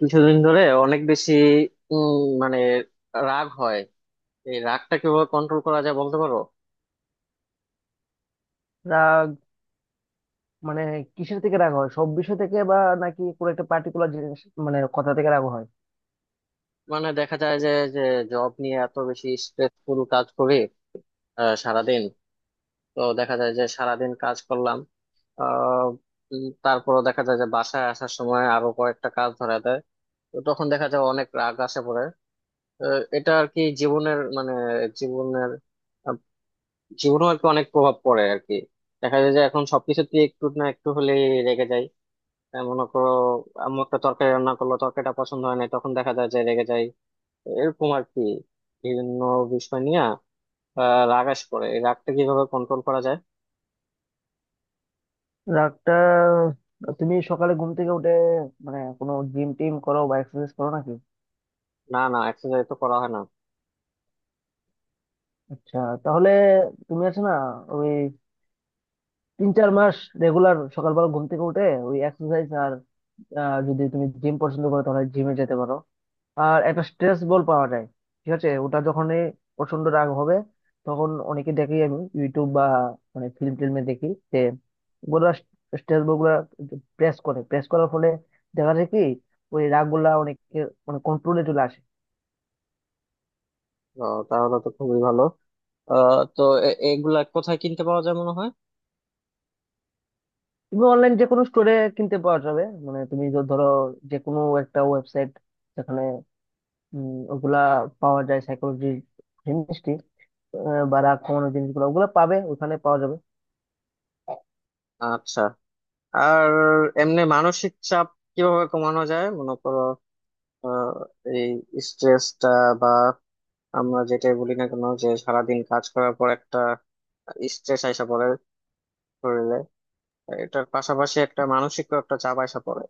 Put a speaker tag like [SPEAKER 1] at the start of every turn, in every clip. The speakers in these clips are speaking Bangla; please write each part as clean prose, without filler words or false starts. [SPEAKER 1] কিছুদিন ধরে অনেক বেশি উম মানে রাগ হয়। এই রাগটা কিভাবে কন্ট্রোল করা যায় বলতে পারো?
[SPEAKER 2] রাগ মানে কিসের থেকে রাগ হয়? সব বিষয় থেকে বা নাকি কোনো একটা পার্টিকুলার জিনিস, মানে কথা থেকে রাগ হয়?
[SPEAKER 1] মানে দেখা যায় যে যে জব নিয়ে এত বেশি স্ট্রেসফুল কাজ করি, সারাদিন। তো দেখা যায় যে সারাদিন কাজ করলাম। আহ তারপরও দেখা যায় যে বাসায় আসার সময় আরো কয়েকটা কাজ ধরা দেয়। তো তখন দেখা যায় অনেক রাগ আসে পড়ে। এটা আর কি জীবনের মানে জীবনের আহ, জীবনেও আর কি অনেক প্রভাব পড়ে আর কি। দেখা যায় যে এখন সবকিছুতে একটু না একটু হলে রেগে যাই। মনে করো, আম্মু একটা তরকারি রান্না করলো, তরকারিটা পছন্দ হয় না, তখন দেখা যায় যে রেগে যায়। এরকম আর কি বিভিন্ন বিষয় নিয়ে রাগ আস করে। এই রাগটা কিভাবে কন্ট্রোল করা যায়?
[SPEAKER 2] রাগটা তুমি সকালে ঘুম থেকে উঠে মানে কোনো জিম টিম করো বা এক্সারসাইজ করো নাকি?
[SPEAKER 1] না, না, এক্সারসাইজ তো করা হয় না।
[SPEAKER 2] আচ্ছা, তাহলে তুমি আছে না ওই 3-4 মাস রেগুলার সকালবেলা ঘুম থেকে উঠে ওই এক্সারসাইজ আর যদি তুমি জিম পছন্দ করো তাহলে জিমে যেতে পারো। আর একটা স্ট্রেস বল পাওয়া যায়, ঠিক আছে? ওটা যখনই প্রচন্ড রাগ হবে তখন অনেকে দেখি, আমি ইউটিউব বা মানে ফিল্ম টিল্মে দেখি যে ওগুলা স্ট্রেস বল গুলা প্রেস করে, প্রেস করার ফলে দেখা যায় কি ওই রাগ গুলা অনেকে মানে কন্ট্রোলে চলে আসে।
[SPEAKER 1] তো তাহলে তো খুবই ভালো। তো এগুলা কোথায় কিনতে পাওয়া যায় মনে হয়?
[SPEAKER 2] তুমি অনলাইন যে কোনো স্টোরে কিনতে পাওয়া যাবে, মানে তুমি ধরো যে কোনো একটা ওয়েবসাইট যেখানে ওগুলা পাওয়া যায়, সাইকোলজি জিনিসটি, বা রাগ কমানোর জিনিসগুলো ওগুলো পাবে, ওখানে পাওয়া যাবে।
[SPEAKER 1] আচ্ছা, আর এমনি মানসিক চাপ কিভাবে কমানো যায় মনে করো? আহ, এই স্ট্রেসটা বা আমরা যেটাই বলি না কেন, যে সারাদিন কাজ করার পর একটা স্ট্রেস আইসা পড়ে শরীরে। এটার পাশাপাশি একটা মানসিক একটা চাপ আসা পড়ে।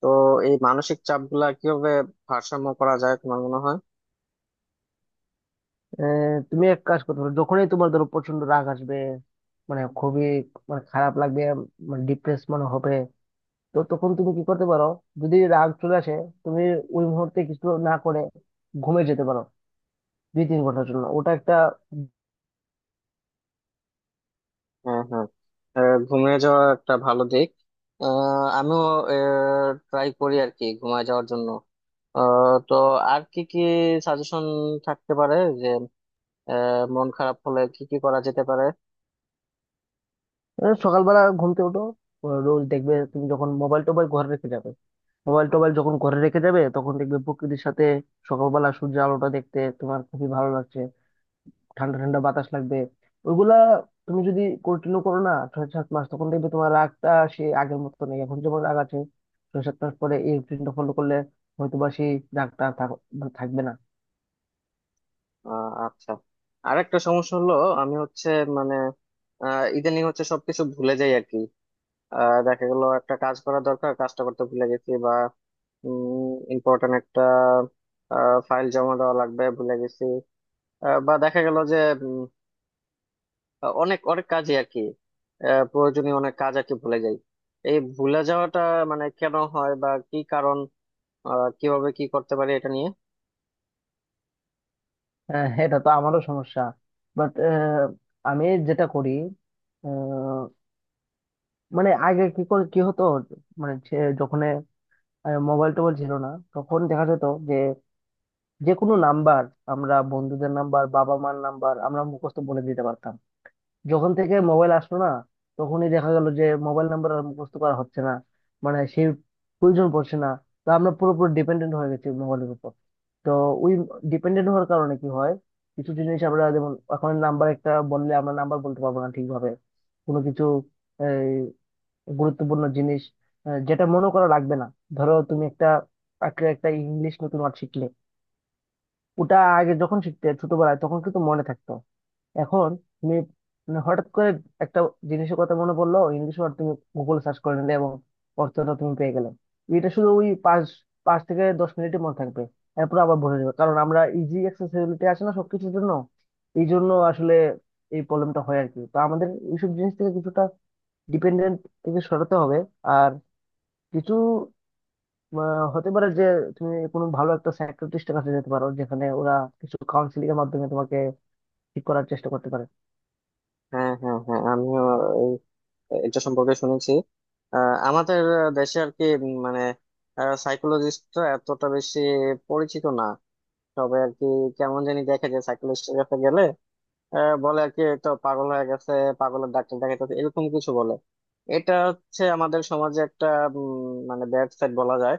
[SPEAKER 1] তো এই মানসিক চাপ গুলা কিভাবে ভারসাম্য করা যায় তোমার মনে হয়?
[SPEAKER 2] আহ, তুমি এক কাজ করতে পারো, যখনই তোমার ধরো প্রচন্ড রাগ আসবে, মানে খুবই মানে খারাপ লাগবে, মানে ডিপ্রেস মনে হবে, তো তখন তুমি কি করতে পারো, যদি রাগ চলে আসে তুমি ওই মুহূর্তে কিছু না করে ঘুমে যেতে পারো 2-3 ঘন্টার জন্য। ওটা একটা।
[SPEAKER 1] হ্যাঁ, হ্যাঁ, ঘুমিয়ে যাওয়া একটা ভালো দিক। আমিও ট্রাই করি আর কি ঘুমিয়ে যাওয়ার জন্য। তো আর কি কি সাজেশন থাকতে পারে যে মন খারাপ হলে কি কি করা যেতে পারে?
[SPEAKER 2] সকালবেলা ঘুমতে ওঠো রোজ, দেখবে তুমি যখন মোবাইল টোবাইল ঘরে রেখে যাবে, মোবাইল টোবাইল যখন ঘরে রেখে যাবে তখন দেখবে প্রকৃতির সাথে সকালবেলা সূর্যের আলোটা দেখতে তোমার খুবই ভালো লাগছে, ঠান্ডা ঠান্ডা বাতাস লাগবে। ওইগুলা তুমি যদি কন্টিনিউ করো না 6-7 মাস, তখন দেখবে তোমার রাগটা সে আগের মতো নেই। এখন যেমন রাগ আছে, 6-7 মাস পরে এই রুটিনটা ফলো করলে হয়তো বা সেই রাগটা আর থাক- মানে থাকবে না।
[SPEAKER 1] আচ্ছা, আরেকটা সমস্যা হলো, আমি হচ্ছে মানে ইদানিং হচ্ছে সবকিছু ভুলে যাই আর কি। দেখা গেল একটা কাজ করা দরকার, কাজটা করতে ভুলে গেছি। ইম্পর্টেন্ট একটা ফাইল জমা দেওয়া লাগবে, ভুলে গেছি। বা দেখা গেল যে উম, অনেক অনেক কাজই আর কি, প্রয়োজনীয় অনেক কাজ আর কি ভুলে যাই। এই ভুলে যাওয়াটা মানে কেন হয় বা কি কারণ, কিভাবে কি করতে পারি এটা নিয়ে?
[SPEAKER 2] হ্যাঁ, এটা তো আমারও সমস্যা। বাট আমি যেটা করি, আহ, মানে আগে কি করে কি হতো, মানে যখন মোবাইল টোবাইল ছিল না তখন দেখা যেত যে যে কোনো নাম্বার আমরা, বন্ধুদের নাম্বার, বাবা মার নাম্বার আমরা মুখস্থ বলে দিতে পারতাম। যখন থেকে মোবাইল আসলো না, তখনই দেখা গেল যে মোবাইল নাম্বার আর মুখস্থ করা হচ্ছে না, মানে সেই প্রয়োজন পড়ছে না। তো আমরা পুরোপুরি ডিপেন্ডেন্ট হয়ে গেছি মোবাইলের উপর। তো ওই ডিপেন্ডেন্ট হওয়ার কারণে কি হয়, কিছু জিনিস আমরা, যেমন এখন নাম্বার একটা বললে আমরা নাম্বার বলতে পারবো না ঠিকভাবে। কোনো কিছু এই গুরুত্বপূর্ণ জিনিস, যেটা মনে করা লাগবে না। ধরো তুমি একটা একটা ইংলিশ নতুন ওয়ার্ড শিখলে, ওটা আগে যখন শিখতে ছোটবেলায় তখন কিন্তু মনে থাকতো। এখন তুমি মানে হঠাৎ করে একটা জিনিসের কথা মনে পড়লো ইংলিশ ওয়ার্ড, তুমি গুগল সার্চ করে নিলে এবং অর্থটা তুমি পেয়ে গেলে, এটা শুধু ওই পাঁচ পাঁচ থেকে দশ মিনিটই মনে থাকবে, এরপর আবার ভুলে যাবে। কারণ আমরা ইজি অ্যাক্সেসিবিলিটি আছে না সবকিছুর জন্য, এই জন্য আসলে এই প্রবলেমটা হয় আর কি। তো আমাদের এইসব জিনিস থেকে কিছুটা ডিপেন্ডেন্ট থেকে সরাতে হবে। আর কিছু আহ, হতে পারে যে তুমি কোনো ভালো একটা সাইকিয়াট্রিস্টের কাছে যেতে পারো, যেখানে ওরা কিছু কাউন্সিলিং এর মাধ্যমে তোমাকে ঠিক করার চেষ্টা করতে পারে।
[SPEAKER 1] হ্যাঁ, হ্যাঁ, হ্যাঁ, আমিও এই- এটা সম্পর্কে শুনেছি। আমাদের দেশে আর কি মানে সাইকোলজিস্টরা এতটা বেশি পরিচিত না। তবে আর কি কেমন জানি দেখা যায় সাইকোলজিস্টের কাছে গেলে বলে আর কি তো পাগল হয়ে গেছে, পাগলের ডাক্তার দেখাইতেছে, এরকম কিছু বলে। এটা হচ্ছে আমাদের সমাজে একটা মানে ব্যাড সাইড বলা যায়।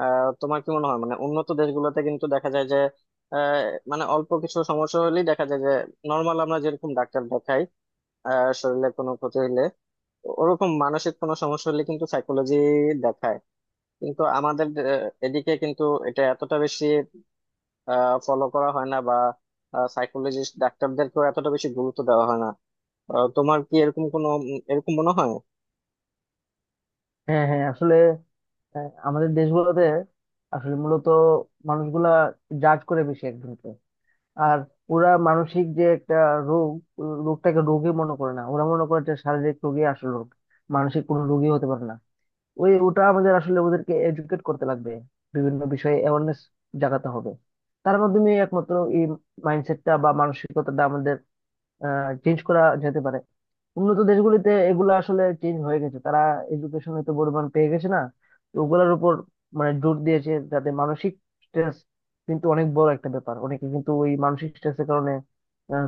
[SPEAKER 1] তোমার কি মনে হয়, মানে উন্নত দেশগুলোতে কিন্তু দেখা যায় যে আহ, মানে অল্প কিছু সমস্যা হলেই দেখা যায় যে নর্মাল আমরা যেরকম ডাক্তার দেখাই শরীরে কোনো ক্ষতি হলে, ওরকম মানসিক কোনো সমস্যা হলে কিন্তু সাইকোলজি দেখায়। কিন্তু আমাদের এদিকে কিন্তু এটা এতটা বেশি ফলো করা হয় না, বা সাইকোলজিস্ট ডাক্তারদেরকেও এতটা বেশি গুরুত্ব দেওয়া হয় না। তোমার কি এরকম কোনো এরকম মনে হয়?
[SPEAKER 2] হ্যাঁ, হ্যাঁ, আসলে হ্যাঁ, আমাদের দেশগুলোতে আসলে মূলত মানুষগুলা জাজ করে বেশি একজনকে। আর ওরা মানসিক যে একটা রোগ, ও রোগটাকে রোগী মনে করে না। ওরা মনে করে যে শারীরিক রোগী আসল রোগ, মানসিক কোনো রোগী হতে পারে না। ওই ওটা আমাদের আসলে ওদেরকে এডুকেট করতে লাগবে, বিভিন্ন বিষয়ে অ্যাওয়ারনেস জাগাতে হবে। তার মাধ্যমে একমাত্র এই মাইন্ডসেটটা বা মানসিকতাটা আমাদের চেঞ্জ করা যেতে পারে। উন্নত দেশগুলিতে এগুলো আসলে চেঞ্জ হয়ে গেছে, তারা এডুকেশনে তো পরিমাণ পেয়ে গেছে না, তো ওগুলোর উপর মানে জোর দিয়েছে। যাতে মানসিক স্ট্রেস কিন্তু অনেক বড় একটা ব্যাপার, অনেকে কিন্তু ওই মানসিক স্ট্রেসের কারণে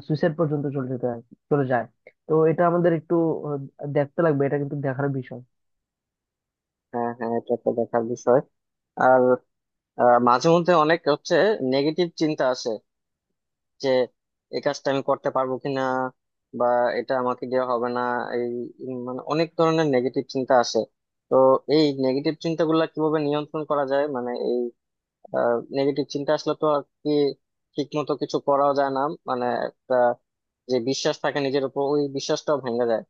[SPEAKER 2] সুইসাইড পর্যন্ত চলে যায়। তো এটা আমাদের একটু দেখতে লাগবে, এটা কিন্তু দেখার বিষয়।
[SPEAKER 1] হ্যাঁ, হ্যাঁ, এটা একটা দেখার বিষয়। আর মাঝে মধ্যে অনেক হচ্ছে নেগেটিভ চিন্তা আসে, যে এই কাজটা আমি করতে পারবো কিনা, বা এটা আমাকে দেওয়া হবে না, এই মানে অনেক ধরনের নেগেটিভ চিন্তা আসে। তো এই নেগেটিভ চিন্তাগুলো কিভাবে নিয়ন্ত্রণ করা যায়? মানে এই নেগেটিভ চিন্তা আসলে তো আর কি ঠিক মতো কিছু করাও যায় না। মানে একটা যে বিশ্বাস থাকে নিজের উপর, ওই বিশ্বাসটাও ভেঙে যায়।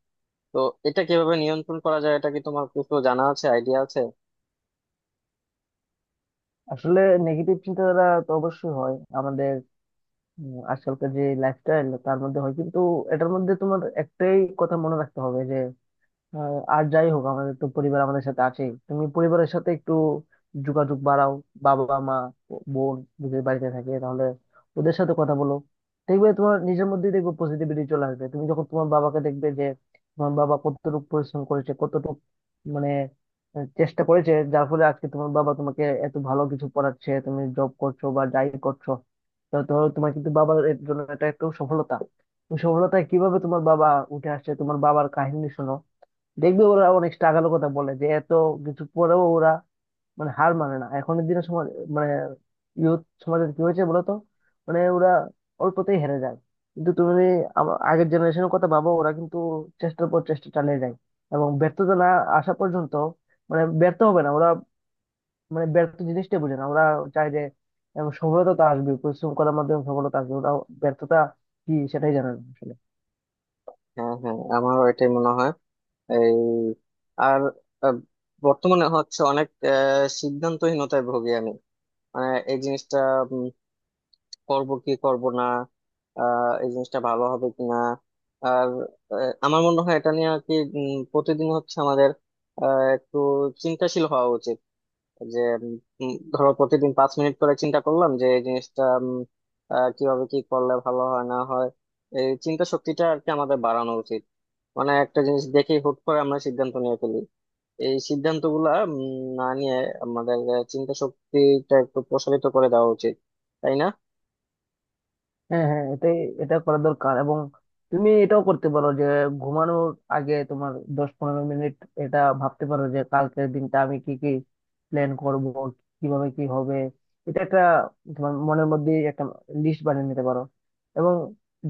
[SPEAKER 1] তো এটা কিভাবে নিয়ন্ত্রণ করা যায়? এটা কি তোমার কিছু জানা আছে, আইডিয়া আছে?
[SPEAKER 2] আসলে নেগেটিভ চিন্তাধারা তো অবশ্যই হয় আমাদের, আজকালকার যে লাইফস্টাইল তার মধ্যে হয় কিন্তু। এটার মধ্যে তোমার একটাই কথা মনে রাখতে হবে, আর আর যাই হোক আমাদের তো পরিবার আমাদের সাথে আছেই, তুমি পরিবারের সাথে একটু যোগাযোগ বাড়াও। বাবা, মা, বোন যদি বাড়িতে থাকে তাহলে ওদের সাথে কথা বলো, দেখবে তোমার নিজের মধ্যেই দেখবে পজিটিভিটি চলে আসবে। তুমি যখন তোমার বাবাকে দেখবে যে তোমার বাবা কতটুকু পরিশ্রম করেছে, কতটুকু মানে চেষ্টা করেছে যার ফলে আজকে তোমার বাবা তোমাকে এত ভালো কিছু পড়াচ্ছে, তুমি জব করছো বা যাই করছো, তো ধরো তোমার কিন্তু বাবার এর জন্য এটা একটু সফলতা। ওই সফলতায় কিভাবে তোমার বাবা উঠে আসছে, তোমার বাবার কাহিনী শোনো, দেখবে ওরা অনেক স্ট্রাগলের কথা বলে যে এত কিছু পরেও ওরা মানে হার মানে না। এখনের দিনে সমাজ, মানে ইউথ সমাজের কি হয়েছে বলতো, মানে ওরা অল্পতেই হেরে যায়। কিন্তু তুমি যদি আগের জেনারেশনের কথা ভাবো, ওরা কিন্তু চেষ্টার পর চেষ্টা চালিয়ে যায় এবং ব্যর্থতা না আসা পর্যন্ত, মানে ব্যর্থ হবে না ওরা, মানে ব্যর্থ জিনিসটাই বোঝে না ওরা। চায় যে, এবং সফলতা তো আসবে, পরিশ্রম করার মাধ্যমে সফলতা আসবে, ওরা ব্যর্থতা কি সেটাই জানে না আসলে।
[SPEAKER 1] হ্যাঁ, হ্যাঁ, আমারও এটাই মনে হয়। এই আর আহ, বর্তমানে হচ্ছে অনেক সিদ্ধান্তহীনতায় ভুগি আমি। মানে এই জিনিসটা উম, করব কি করব না, এই জিনিসটা ভালো হবে কি না। আর আমার মনে হয় এটা নিয়ে আর কি প্রতিদিন হচ্ছে আমাদের একটু চিন্তাশীল হওয়া উচিত। যে ধরো প্রতিদিন 5 মিনিট করে চিন্তা করলাম যে এই জিনিসটা কিভাবে কি করলে ভালো হয় না হয়। এই চিন্তা শক্তিটা আর কি আমাদের বাড়ানো উচিত। মানে একটা জিনিস দেখে হুট করে আমরা সিদ্ধান্ত নিয়ে ফেলি। এই সিদ্ধান্ত গুলা না নিয়ে আমাদের চিন্তা শক্তিটা একটু প্রসারিত করে দেওয়া উচিত, তাই না?
[SPEAKER 2] হ্যাঁ, হ্যাঁ, এটাই এটা করা দরকার। এবং তুমি এটাও করতে পারো যে ঘুমানোর আগে তোমার 10-15 মিনিট এটা ভাবতে পারো যে কালকের দিনটা আমি কি কি প্ল্যান করব, কিভাবে কি হবে। এটা একটা তোমার মনের মধ্যে একটা লিস্ট বানিয়ে নিতে পারো। এবং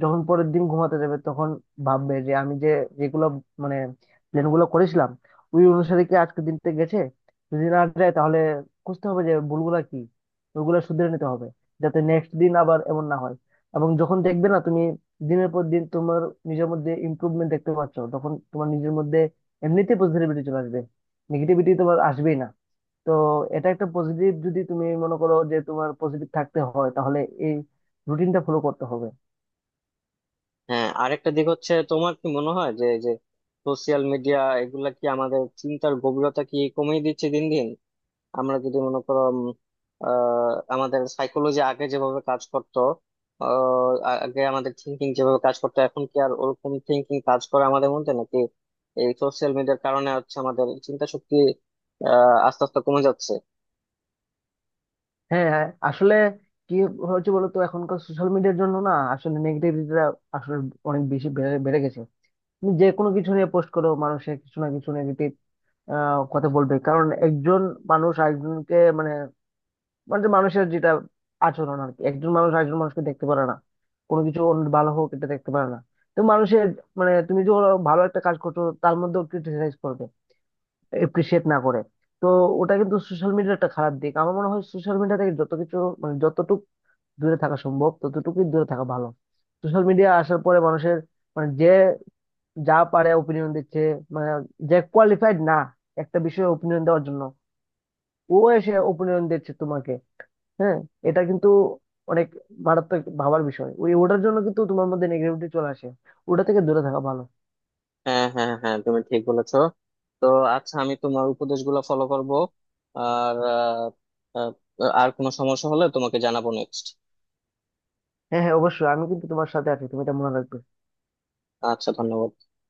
[SPEAKER 2] যখন পরের দিন ঘুমাতে যাবে তখন ভাববে যে আমি যে যেগুলো মানে প্ল্যান গুলো করেছিলাম ওই অনুসারে কি আজকের দিনটা গেছে। যদি না যায় তাহলে বুঝতে হবে যে ভুলগুলা কি, ওইগুলো শুধরে নিতে হবে, যাতে নেক্সট দিন আবার এমন না হয়। এবং যখন দেখবে না তুমি দিনের পর দিন তোমার নিজের মধ্যে ইমপ্রুভমেন্ট দেখতে পাচ্ছ, তখন তোমার নিজের মধ্যে এমনিতে পজিটিভিটি চলে আসবে, নেগেটিভিটি তোমার আসবেই না। তো এটা একটা পজিটিভ, যদি তুমি মনে করো যে তোমার পজিটিভ থাকতে হয় তাহলে এই রুটিনটা ফলো করতে হবে।
[SPEAKER 1] হ্যাঁ, আরেকটা দিক হচ্ছে, তোমার কি মনে হয় যে এই যে সোশিয়াল মিডিয়া এগুলা কি আমাদের চিন্তার গভীরতা কি কমিয়ে দিচ্ছে দিন দিন? আমরা যদি মনে করো আহ, আমাদের সাইকোলজি আগে যেভাবে কাজ করতো, আগে আমাদের থিঙ্কিং যেভাবে কাজ করতো, এখন কি আর ওরকম থিঙ্কিং কাজ করে আমাদের মধ্যে নাকি? এই সোশ্যাল মিডিয়ার কারণে হচ্ছে আমাদের চিন্তা শক্তি আস্তে আস্তে কমে যাচ্ছে।
[SPEAKER 2] হ্যাঁ, হ্যাঁ, আসলে কি হচ্ছে বলতো, এখনকার সোশ্যাল মিডিয়ার জন্য না আসলে নেগেটিভিটিটা আসলে অনেক বেশি বেড়ে বেড়ে গেছে। তুমি যে কোনো কিছু নিয়ে পোস্ট করো, মানুষের কিছু না কিছু নেগেটিভ কথা বলবে। কারণ একজন মানুষ আরেকজনকে মানে, মানে যে মানুষের যেটা আচরণ আর কি, একজন মানুষ আরেকজন মানুষকে দেখতে পারে না, কোনো কিছু অন্য ভালো হোক এটা দেখতে পারে না। তো মানুষের মানে তুমি যে ওরা ভালো একটা কাজ করছো তার মধ্যেও ক্রিটিসাইজ করবে, এপ্রিসিয়েট না করে। তো ওটা কিন্তু সোশ্যাল মিডিয়ার একটা খারাপ দিক। আমার মনে হয় সোশ্যাল মিডিয়া থেকে যত কিছু মানে যতটুকু দূরে থাকা সম্ভব ততটুকুই দূরে থাকা ভালো। সোশ্যাল মিডিয়া আসার পরে মানুষের মানে যে যা পারে ওপিনিয়ন দিচ্ছে, মানে যে কোয়ালিফাইড না একটা বিষয়ে ওপিনিয়ন দেওয়ার জন্য, ও এসে ওপিনিয়ন দিচ্ছে তোমাকে। হ্যাঁ, এটা কিন্তু অনেক মারাত্মক ভাবার বিষয়। ওই ওটার জন্য কিন্তু তোমার মধ্যে নেগেটিভিটি চলে আসে, ওটা থেকে দূরে থাকা ভালো।
[SPEAKER 1] হ্যাঁ, হ্যাঁ, হ্যাঁ, তুমি ঠিক বলেছো। তো আচ্ছা, আমি তোমার উপদেশগুলো ফলো করব। আর আহ, আহ, আর কোনো সমস্যা হলে তোমাকে জানাবো নেক্সট।
[SPEAKER 2] হ্যাঁ, হ্যাঁ, অবশ্যই আমি কিন্তু তোমার সাথে আছি, তুমি এটা মনে রাখবে।
[SPEAKER 1] আচ্ছা, ধন্যবাদ।